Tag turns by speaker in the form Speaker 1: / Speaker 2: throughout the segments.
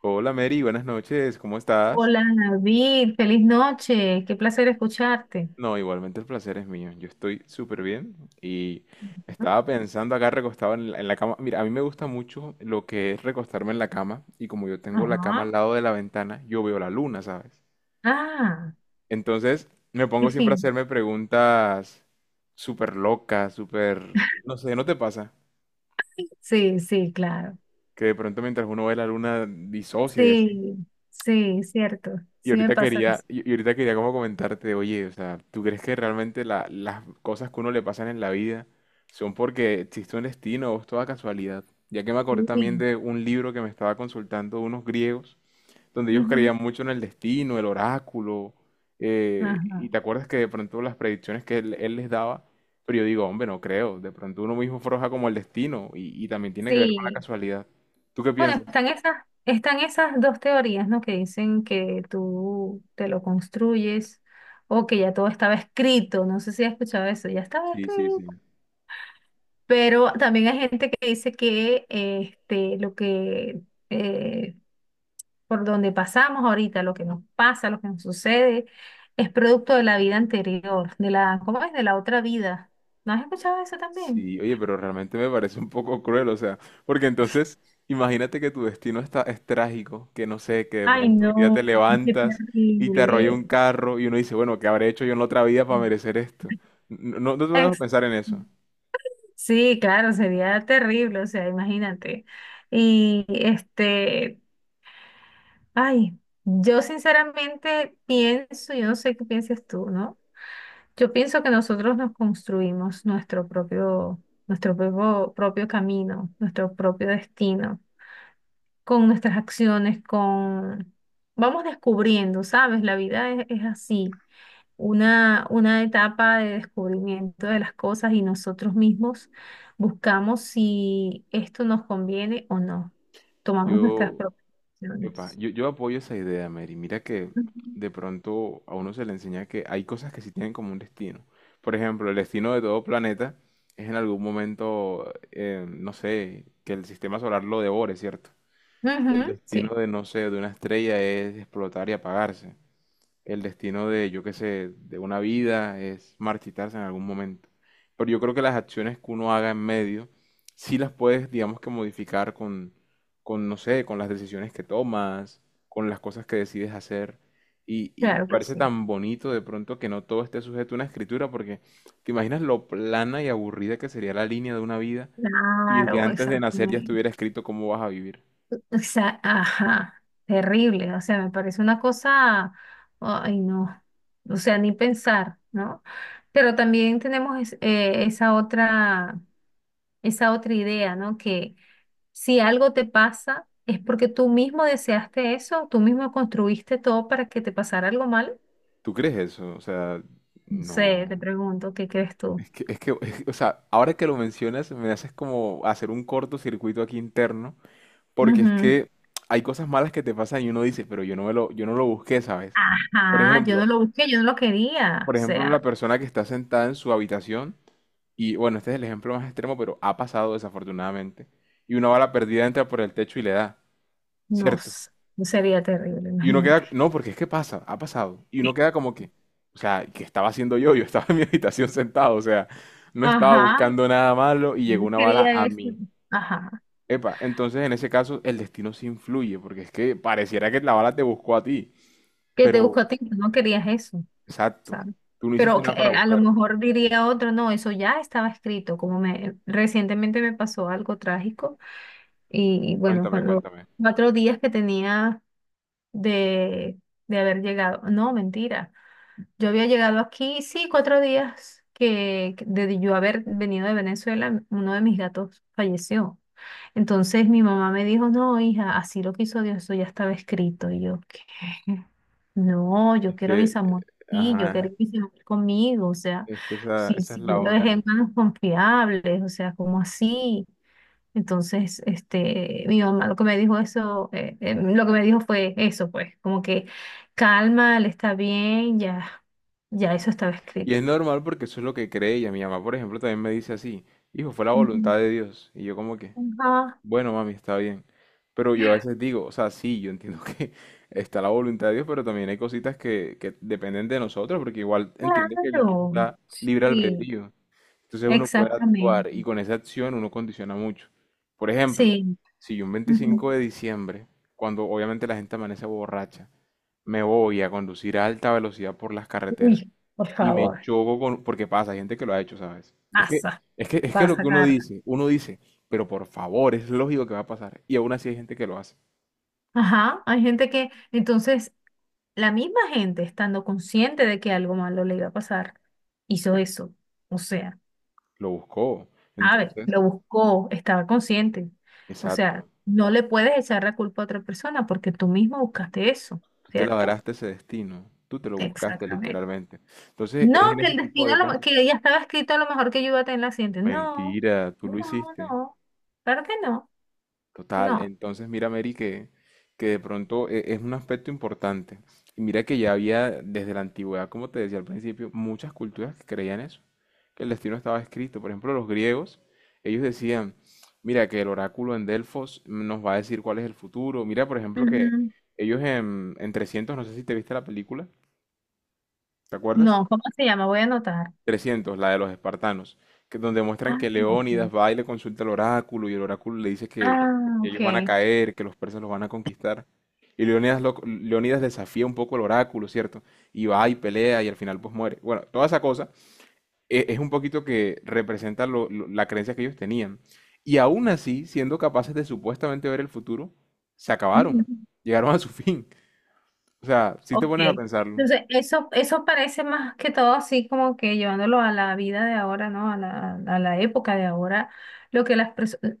Speaker 1: Hola Mary, buenas noches, ¿cómo estás?
Speaker 2: Hola David, feliz noche, qué placer escucharte.
Speaker 1: No, igualmente el placer es mío, yo estoy súper bien y
Speaker 2: Ujú.
Speaker 1: estaba pensando acá recostado en la cama. Mira, a mí me gusta mucho lo que es recostarme en la cama y como yo tengo la cama al
Speaker 2: Ajá.
Speaker 1: lado de la ventana, yo veo la luna, ¿sabes?
Speaker 2: Ah,
Speaker 1: Entonces me
Speaker 2: qué
Speaker 1: pongo siempre a
Speaker 2: fin.
Speaker 1: hacerme preguntas súper locas. No sé, ¿no te pasa?
Speaker 2: Sí, sí, claro.
Speaker 1: Que de pronto mientras uno ve la luna disocia.
Speaker 2: Sí, sí, cierto.
Speaker 1: Y
Speaker 2: Sí me
Speaker 1: ahorita
Speaker 2: pasa
Speaker 1: quería,
Speaker 2: eso.
Speaker 1: y y ahorita quería como comentarte, oye, o sea, ¿tú crees que realmente las cosas que uno le pasan en la vida son porque existe un destino o es toda casualidad? Ya que me acordé también
Speaker 2: Sí.
Speaker 1: de un libro que me estaba consultando unos griegos, donde ellos
Speaker 2: Ujú.
Speaker 1: creían mucho en el destino, el oráculo,
Speaker 2: Ajá.
Speaker 1: y te acuerdas que de pronto las predicciones que él les daba, pero yo digo, hombre, no creo, de pronto uno mismo forja como el destino y también tiene que ver con la
Speaker 2: Sí.
Speaker 1: casualidad. ¿Tú qué
Speaker 2: Bueno,
Speaker 1: piensas?
Speaker 2: están esas dos teorías, ¿no? Que dicen que tú te lo construyes o que ya todo estaba escrito. No sé si has escuchado eso. Ya estaba
Speaker 1: Sí, sí,
Speaker 2: escrito.
Speaker 1: sí.
Speaker 2: Pero también hay gente que dice que este, lo que eh, por donde pasamos ahorita, lo que nos pasa, lo que nos sucede, es producto de la vida anterior, de la, ¿cómo es? De la otra vida. ¿No has escuchado eso también?
Speaker 1: Sí, oye, pero realmente me parece un poco cruel, o sea, porque entonces, imagínate que tu destino es trágico, que no sé, que de
Speaker 2: Ay,
Speaker 1: pronto un día te
Speaker 2: no, qué
Speaker 1: levantas y te arrolla
Speaker 2: terrible.
Speaker 1: un carro y uno dice, bueno, ¿qué habré hecho yo en la otra vida para merecer esto? No, no, no te dejo
Speaker 2: Ex-
Speaker 1: pensar en eso.
Speaker 2: Sí, claro, sería terrible, o sea, imagínate. Y este, ay, yo sinceramente pienso, yo no sé qué piensas tú, ¿no? Yo pienso que nosotros nos construimos nuestro propio camino, nuestro propio destino, con nuestras acciones. Vamos descubriendo, ¿sabes? La vida es así, una etapa de descubrimiento de las cosas y nosotros mismos buscamos si esto nos conviene o no. Tomamos nuestras
Speaker 1: Yo,
Speaker 2: propias
Speaker 1: epa,
Speaker 2: acciones.
Speaker 1: yo, yo apoyo esa idea, Mary. Mira que
Speaker 2: Ujú.
Speaker 1: de pronto a uno se le enseña que hay cosas que sí tienen como un destino. Por ejemplo, el destino de todo planeta es en algún momento, no sé, que el sistema solar lo devore, ¿cierto? El
Speaker 2: Ujú,
Speaker 1: destino
Speaker 2: sí,
Speaker 1: de, no sé, de una estrella es explotar y apagarse. El destino de, yo qué sé, de una vida es marchitarse en algún momento. Pero yo creo que las acciones que uno haga en medio, sí las puedes, digamos que modificar con, no sé, con las decisiones que tomas, con las cosas que decides hacer. Y me
Speaker 2: claro que
Speaker 1: parece
Speaker 2: sí.
Speaker 1: tan bonito de pronto que no todo esté sujeto a una escritura, porque te imaginas lo plana y aburrida que sería la línea de una vida y desde
Speaker 2: Claro,
Speaker 1: antes de nacer ya
Speaker 2: exactamente.
Speaker 1: estuviera escrito cómo vas a vivir.
Speaker 2: O sea, ajá, terrible, o sea, me parece una cosa, ay no, o sea, ni pensar, ¿no? Pero también tenemos esa otra idea, ¿no? Que si algo te pasa es porque tú mismo deseaste eso, tú mismo construiste todo para que te pasara algo mal.
Speaker 1: ¿Tú crees eso? O sea,
Speaker 2: No sé, te
Speaker 1: no.
Speaker 2: pregunto, ¿qué crees tú?
Speaker 1: Es que, o sea, ahora que lo mencionas, me haces como hacer un cortocircuito aquí interno, porque es
Speaker 2: Ujú.
Speaker 1: que hay cosas malas que te pasan y uno dice, pero yo no lo busqué, ¿sabes? Por
Speaker 2: Ah, yo
Speaker 1: ejemplo,
Speaker 2: no lo busqué, yo no lo quería,
Speaker 1: por
Speaker 2: o
Speaker 1: ejemplo, la
Speaker 2: sea,
Speaker 1: persona que está sentada en su habitación, y bueno, este es el ejemplo más extremo, pero ha pasado desafortunadamente, y una bala perdida entra por el techo y le da,
Speaker 2: no,
Speaker 1: ¿cierto?
Speaker 2: sé, sería terrible,
Speaker 1: Y uno
Speaker 2: imagínate.
Speaker 1: queda, no, porque es que pasa, ha pasado. Y uno
Speaker 2: Sí.
Speaker 1: queda como que, o sea, ¿qué estaba haciendo yo? Yo estaba en mi habitación sentado, o sea, no estaba
Speaker 2: Ajá,
Speaker 1: buscando nada malo y
Speaker 2: yo
Speaker 1: llegó
Speaker 2: no
Speaker 1: una bala
Speaker 2: quería
Speaker 1: a
Speaker 2: eso.
Speaker 1: mí.
Speaker 2: Ajá.
Speaker 1: Epa, entonces en ese caso el destino sí influye, porque es que pareciera que la bala te buscó a ti,
Speaker 2: Que te
Speaker 1: pero
Speaker 2: buscó a ti, no querías eso,
Speaker 1: exacto,
Speaker 2: ¿sabes?
Speaker 1: tú no hiciste
Speaker 2: Pero que,
Speaker 1: nada para
Speaker 2: a lo
Speaker 1: buscarla.
Speaker 2: mejor diría otro, no, eso ya estaba escrito, como me recientemente me pasó algo trágico y, bueno,
Speaker 1: Cuéntame,
Speaker 2: cuando
Speaker 1: cuéntame.
Speaker 2: 4 días que tenía de, de haber llegado, no, mentira, yo había llegado aquí, sí, 4 días que de yo haber venido de Venezuela, uno de mis gatos falleció. Entonces mi mamá me dijo, no, hija, así lo quiso Dios, eso ya estaba escrito. Y yo, ¿qué? No, yo
Speaker 1: Es
Speaker 2: quiero a
Speaker 1: que,
Speaker 2: mis amores, sí, yo quiero
Speaker 1: ajá,
Speaker 2: que mis amores conmigo, o sea,
Speaker 1: es que esa,
Speaker 2: si,
Speaker 1: esa es
Speaker 2: si yo
Speaker 1: la
Speaker 2: lo
Speaker 1: otra.
Speaker 2: dejé en manos confiables, o sea, ¿como así? Entonces, este, mi mamá lo que me dijo eso, lo que me dijo fue eso, pues, como que calma, él está bien, ya, ya eso estaba
Speaker 1: Y
Speaker 2: escrito.
Speaker 1: es normal porque eso es lo que cree ella. Mi mamá, por ejemplo, también me dice así, hijo, fue la
Speaker 2: Ujú.
Speaker 1: voluntad de Dios. Y yo como que.
Speaker 2: Ajá,
Speaker 1: Bueno, mami, está bien. Pero yo a veces digo, o sea, sí, yo entiendo que está la voluntad de Dios, pero también hay cositas que dependen de nosotros, porque igual entiende que Dios nos
Speaker 2: claro,
Speaker 1: da libre
Speaker 2: sí,
Speaker 1: albedrío. Entonces uno puede
Speaker 2: exactamente,
Speaker 1: actuar y con esa acción uno condiciona mucho. Por ejemplo,
Speaker 2: sí.
Speaker 1: si yo un
Speaker 2: Ujú.
Speaker 1: 25 de diciembre, cuando obviamente la gente amanece borracha, me voy a conducir a alta velocidad por las carreteras,
Speaker 2: Uy, por
Speaker 1: y me
Speaker 2: favor,
Speaker 1: choco con, porque pasa, hay gente que lo ha hecho, ¿sabes? Es que,
Speaker 2: pasa,
Speaker 1: es que, es que lo que
Speaker 2: pasa,
Speaker 1: uno
Speaker 2: Carla.
Speaker 1: dice, uno dice, pero por favor, es lógico que va a pasar. Y aún así hay gente que lo hace,
Speaker 2: Ajá, hay gente que, entonces, la misma gente, estando consciente de que algo malo le iba a pasar, hizo eso. O sea,
Speaker 1: lo buscó.
Speaker 2: sabe,
Speaker 1: Entonces,
Speaker 2: lo buscó, estaba consciente. O sea,
Speaker 1: exacto,
Speaker 2: no le puedes echar la culpa a otra persona porque tú mismo buscaste eso,
Speaker 1: tú te
Speaker 2: ¿cierto?
Speaker 1: labraste ese destino, tú te lo buscaste
Speaker 2: Exactamente.
Speaker 1: literalmente. Entonces,
Speaker 2: No,
Speaker 1: es en
Speaker 2: que
Speaker 1: ese
Speaker 2: el
Speaker 1: tipo
Speaker 2: destino,
Speaker 1: de casos.
Speaker 2: que ya estaba escrito a lo mejor que yo iba a tener la accidente. No,
Speaker 1: Mentira, tú
Speaker 2: no,
Speaker 1: lo hiciste.
Speaker 2: no. Claro que no,
Speaker 1: Total,
Speaker 2: no.
Speaker 1: entonces mira, Mary, que de pronto es un aspecto importante. Y mira que ya había desde la antigüedad, como te decía al principio, muchas culturas que creían eso, que el destino estaba escrito. Por ejemplo, los griegos, ellos decían, mira que el oráculo en Delfos nos va a decir cuál es el futuro. Mira, por ejemplo, que
Speaker 2: Ujú.
Speaker 1: ellos en 300, no sé si te viste la película, ¿te acuerdas?
Speaker 2: No, ¿cómo se llama? Voy a anotar.
Speaker 1: 300, la de los espartanos, que donde muestran
Speaker 2: Ah,
Speaker 1: que
Speaker 2: no, ok.
Speaker 1: Leónidas va y le consulta al oráculo y el oráculo le dice que
Speaker 2: Ah, ok.
Speaker 1: ellos van a caer, que los persas los van a conquistar. Y Leónidas, Leónidas desafía un poco el oráculo, ¿cierto? Y va y pelea y al final pues muere. Bueno, toda esa cosa es un poquito que representa la creencia que ellos tenían. Y aún así, siendo capaces de supuestamente ver el futuro, se acabaron,
Speaker 2: Ujú.
Speaker 1: llegaron a su fin. O sea, si te
Speaker 2: Ok.
Speaker 1: pones a pensarlo,
Speaker 2: Entonces, eso parece más que todo así como que llevándolo a la vida de ahora, ¿no? A la época de ahora, lo que las personas,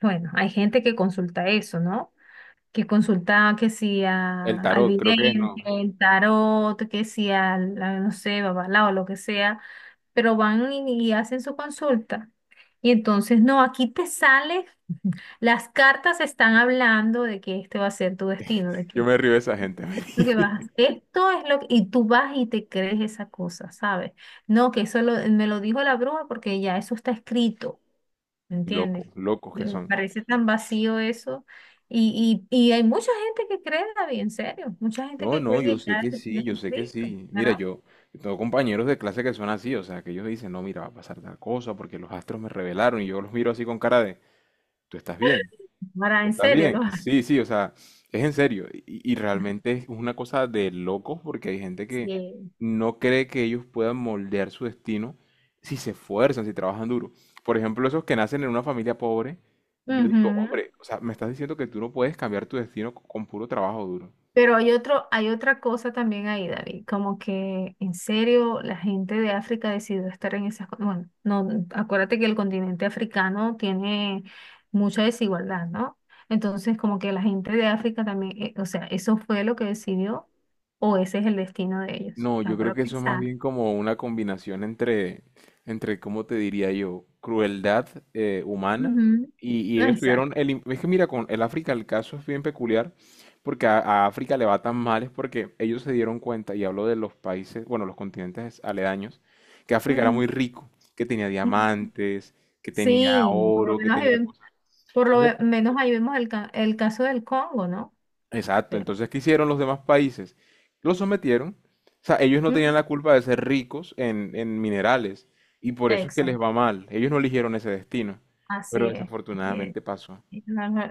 Speaker 2: bueno, hay gente que consulta eso, ¿no? Que consulta que si
Speaker 1: el
Speaker 2: al
Speaker 1: tarot creo que es no.
Speaker 2: vidente, el tarot, que si al, a, no sé, babalao, lo que sea, pero van y hacen su consulta. Y entonces, no, aquí te sale, las cartas están hablando de que este va a ser tu destino, de
Speaker 1: Yo
Speaker 2: que
Speaker 1: me río de esa gente.
Speaker 2: lo que vas, esto es lo que, y tú vas y te crees esa cosa, ¿sabes? No, que eso me lo dijo la bruja porque ya eso está escrito, ¿me
Speaker 1: Locos,
Speaker 2: entiendes?
Speaker 1: locos que
Speaker 2: Me
Speaker 1: son.
Speaker 2: parece tan vacío eso. Y hay mucha gente que cree, David, en serio, mucha gente
Speaker 1: No,
Speaker 2: que
Speaker 1: no,
Speaker 2: cree
Speaker 1: yo
Speaker 2: que
Speaker 1: sé
Speaker 2: ya
Speaker 1: que sí,
Speaker 2: está
Speaker 1: yo sé que
Speaker 2: escrito,
Speaker 1: sí. Mira,
Speaker 2: ¿verdad?
Speaker 1: yo tengo compañeros de clase que son así, o sea, que ellos dicen, no, mira, va a pasar tal cosa porque los astros me revelaron y yo los miro así con cara de, tú estás bien,
Speaker 2: Para,
Speaker 1: tú
Speaker 2: en
Speaker 1: estás
Speaker 2: serio, lo
Speaker 1: bien. Sí, sí, o sea, es en serio. Y realmente es una cosa de locos porque hay gente que
Speaker 2: Sí.
Speaker 1: no cree que ellos puedan moldear su destino si se esfuerzan, si trabajan duro. Por ejemplo, esos que nacen en una familia pobre, yo digo,
Speaker 2: Ujú.
Speaker 1: hombre, o sea, me estás diciendo que tú no puedes cambiar tu destino con puro trabajo duro.
Speaker 2: Pero hay otro, hay otra cosa también ahí, David, como que en serio la gente de África decidió estar en esas, bueno, no, acuérdate que el continente africano tiene mucha desigualdad, ¿no? Entonces, como que la gente de África también, o sea, eso fue lo que decidió o ese es el destino de ellos,
Speaker 1: No, yo
Speaker 2: ¿no?
Speaker 1: creo
Speaker 2: Para
Speaker 1: que eso es más
Speaker 2: pensar.
Speaker 1: bien como una combinación entre, ¿cómo te diría yo? Crueldad humana
Speaker 2: Ujú,
Speaker 1: y
Speaker 2: no,
Speaker 1: ellos tuvieron
Speaker 2: exacto.
Speaker 1: el... im- Es que mira, con el África el caso es bien peculiar porque a África le va tan mal es porque ellos se dieron cuenta, y hablo de los países, bueno, los continentes aledaños, que África era muy rico, que tenía
Speaker 2: Ujú, ujú.
Speaker 1: diamantes, que tenía
Speaker 2: Sí, por lo
Speaker 1: oro, que
Speaker 2: menos
Speaker 1: tenía
Speaker 2: ahí,
Speaker 1: cosas. Entonces,
Speaker 2: menos ahí vemos el caso del Congo, ¿no?
Speaker 1: exacto,
Speaker 2: Sí.
Speaker 1: entonces, ¿qué hicieron los demás países? Los sometieron, o sea, ellos no tenían la
Speaker 2: Ujú,
Speaker 1: culpa de ser ricos en minerales y por eso es que les
Speaker 2: exacto.
Speaker 1: va mal, ellos no eligieron ese destino,
Speaker 2: Así
Speaker 1: pero
Speaker 2: es, así es.
Speaker 1: desafortunadamente pasó.
Speaker 2: No, no,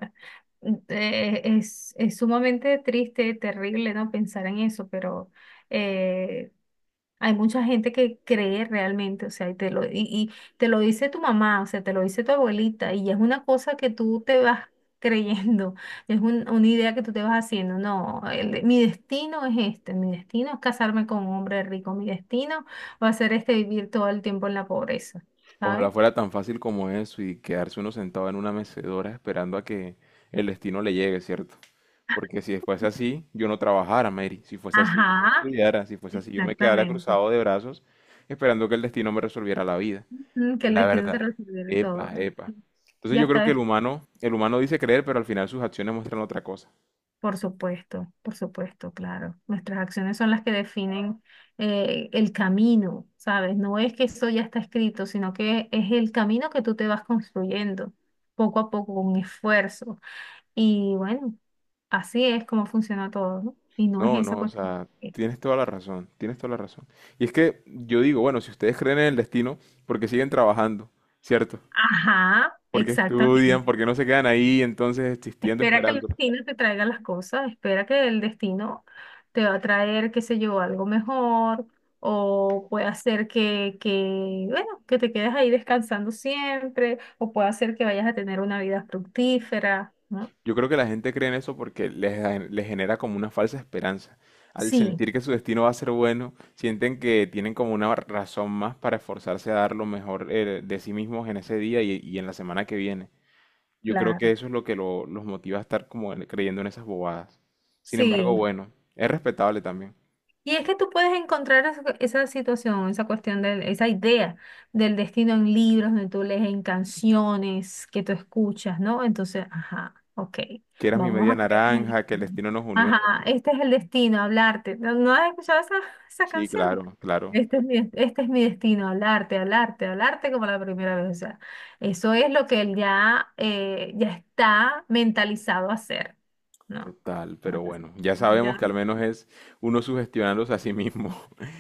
Speaker 2: es sumamente triste, terrible, ¿no? Pensar en eso, pero eh, hay mucha gente que cree realmente, o sea, y te lo dice tu mamá, o sea, te lo dice tu abuelita, y es una cosa que tú te vas creyendo, es una idea que tú te vas haciendo, no, mi destino es este, mi destino es casarme con un hombre rico, mi destino va a ser este vivir todo el tiempo en la pobreza, ¿sabes?
Speaker 1: Ojalá fuera tan fácil como eso y quedarse uno sentado en una mecedora esperando a que el destino le llegue, ¿cierto? Porque si fuese así, yo no trabajara, Mary, si fuese así, yo no
Speaker 2: Ajá,
Speaker 1: estudiara, si fuese así, yo me quedara
Speaker 2: exactamente.
Speaker 1: cruzado de brazos esperando que el destino me resolviera la vida.
Speaker 2: Mm, que el
Speaker 1: La
Speaker 2: destino se
Speaker 1: verdad.
Speaker 2: resolviera todo.
Speaker 1: Epa, epa. Entonces
Speaker 2: Ya
Speaker 1: yo creo
Speaker 2: está,
Speaker 1: que el humano, el humano dice creer, pero al final sus acciones muestran otra cosa.
Speaker 2: por supuesto, claro. Nuestras acciones son las que definen el camino, ¿sabes? No es que eso ya está escrito, sino que es el camino que tú te vas construyendo poco a poco con esfuerzo. Y bueno, así es como funciona todo, ¿no? Y no es
Speaker 1: No,
Speaker 2: esa
Speaker 1: no, o
Speaker 2: cuestión.
Speaker 1: sea,
Speaker 2: Eh,
Speaker 1: tienes toda la razón, tienes toda la razón. Y es que yo digo, bueno, si ustedes creen en el destino, porque siguen trabajando, ¿cierto?
Speaker 2: Ajá,
Speaker 1: Porque estudian,
Speaker 2: exactamente.
Speaker 1: porque no se quedan ahí entonces existiendo,
Speaker 2: Espera que el
Speaker 1: esperando.
Speaker 2: destino te traiga las cosas, espera que el destino te va a traer, qué sé yo, algo mejor o puede hacer que, bueno, que te quedes ahí descansando siempre o puede hacer que vayas a tener una vida fructífera, ¿no?
Speaker 1: Yo creo que la gente cree en eso porque les genera como una falsa esperanza. Al
Speaker 2: Sí,
Speaker 1: sentir que su destino va a ser bueno, sienten que tienen como una razón más para esforzarse a dar lo mejor de sí mismos en ese día y en la semana que viene. Yo creo que
Speaker 2: claro,
Speaker 1: eso es lo que los motiva a estar como creyendo en esas bobadas. Sin embargo,
Speaker 2: sí.
Speaker 1: bueno, es respetable también.
Speaker 2: Y es que tú puedes encontrar esa situación, esa cuestión, esa idea del destino en libros, donde tú lees en canciones que tú escuchas, ¿no? Entonces, ajá, ok,
Speaker 1: Que eras mi
Speaker 2: vamos
Speaker 1: media
Speaker 2: a creer en el
Speaker 1: naranja, que el
Speaker 2: destino.
Speaker 1: destino nos unió
Speaker 2: Ajá,
Speaker 1: y así.
Speaker 2: este es el destino, hablarte. ¿No, no has escuchado esa
Speaker 1: Sí,
Speaker 2: canción?
Speaker 1: claro, claro.
Speaker 2: Este es mi destino, hablarte, hablarte, hablarte como la primera vez. O sea, eso es lo que él ya está mentalizado a hacer, ¿no?
Speaker 1: Total,
Speaker 2: No
Speaker 1: pero
Speaker 2: así.
Speaker 1: bueno, ya sabemos que al menos es uno sugestionándose a sí mismo.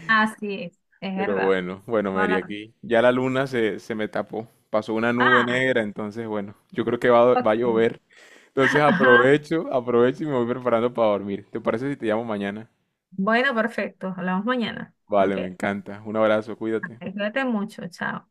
Speaker 2: Así es
Speaker 1: Pero
Speaker 2: verdad.
Speaker 1: bueno, bueno,
Speaker 2: Toda
Speaker 1: Mary,
Speaker 2: la razón.
Speaker 1: aquí ya la luna se me tapó. Pasó una nube
Speaker 2: Ah,
Speaker 1: negra, entonces bueno, yo creo que va
Speaker 2: ok.
Speaker 1: a llover. Entonces
Speaker 2: Ajá.
Speaker 1: aprovecho y me voy preparando para dormir. ¿Te parece si te llamo mañana?
Speaker 2: Bueno, perfecto. Hablamos mañana.
Speaker 1: Vale,
Speaker 2: Ok.
Speaker 1: me encanta. Un abrazo, cuídate.
Speaker 2: Cuídate mucho. Chao.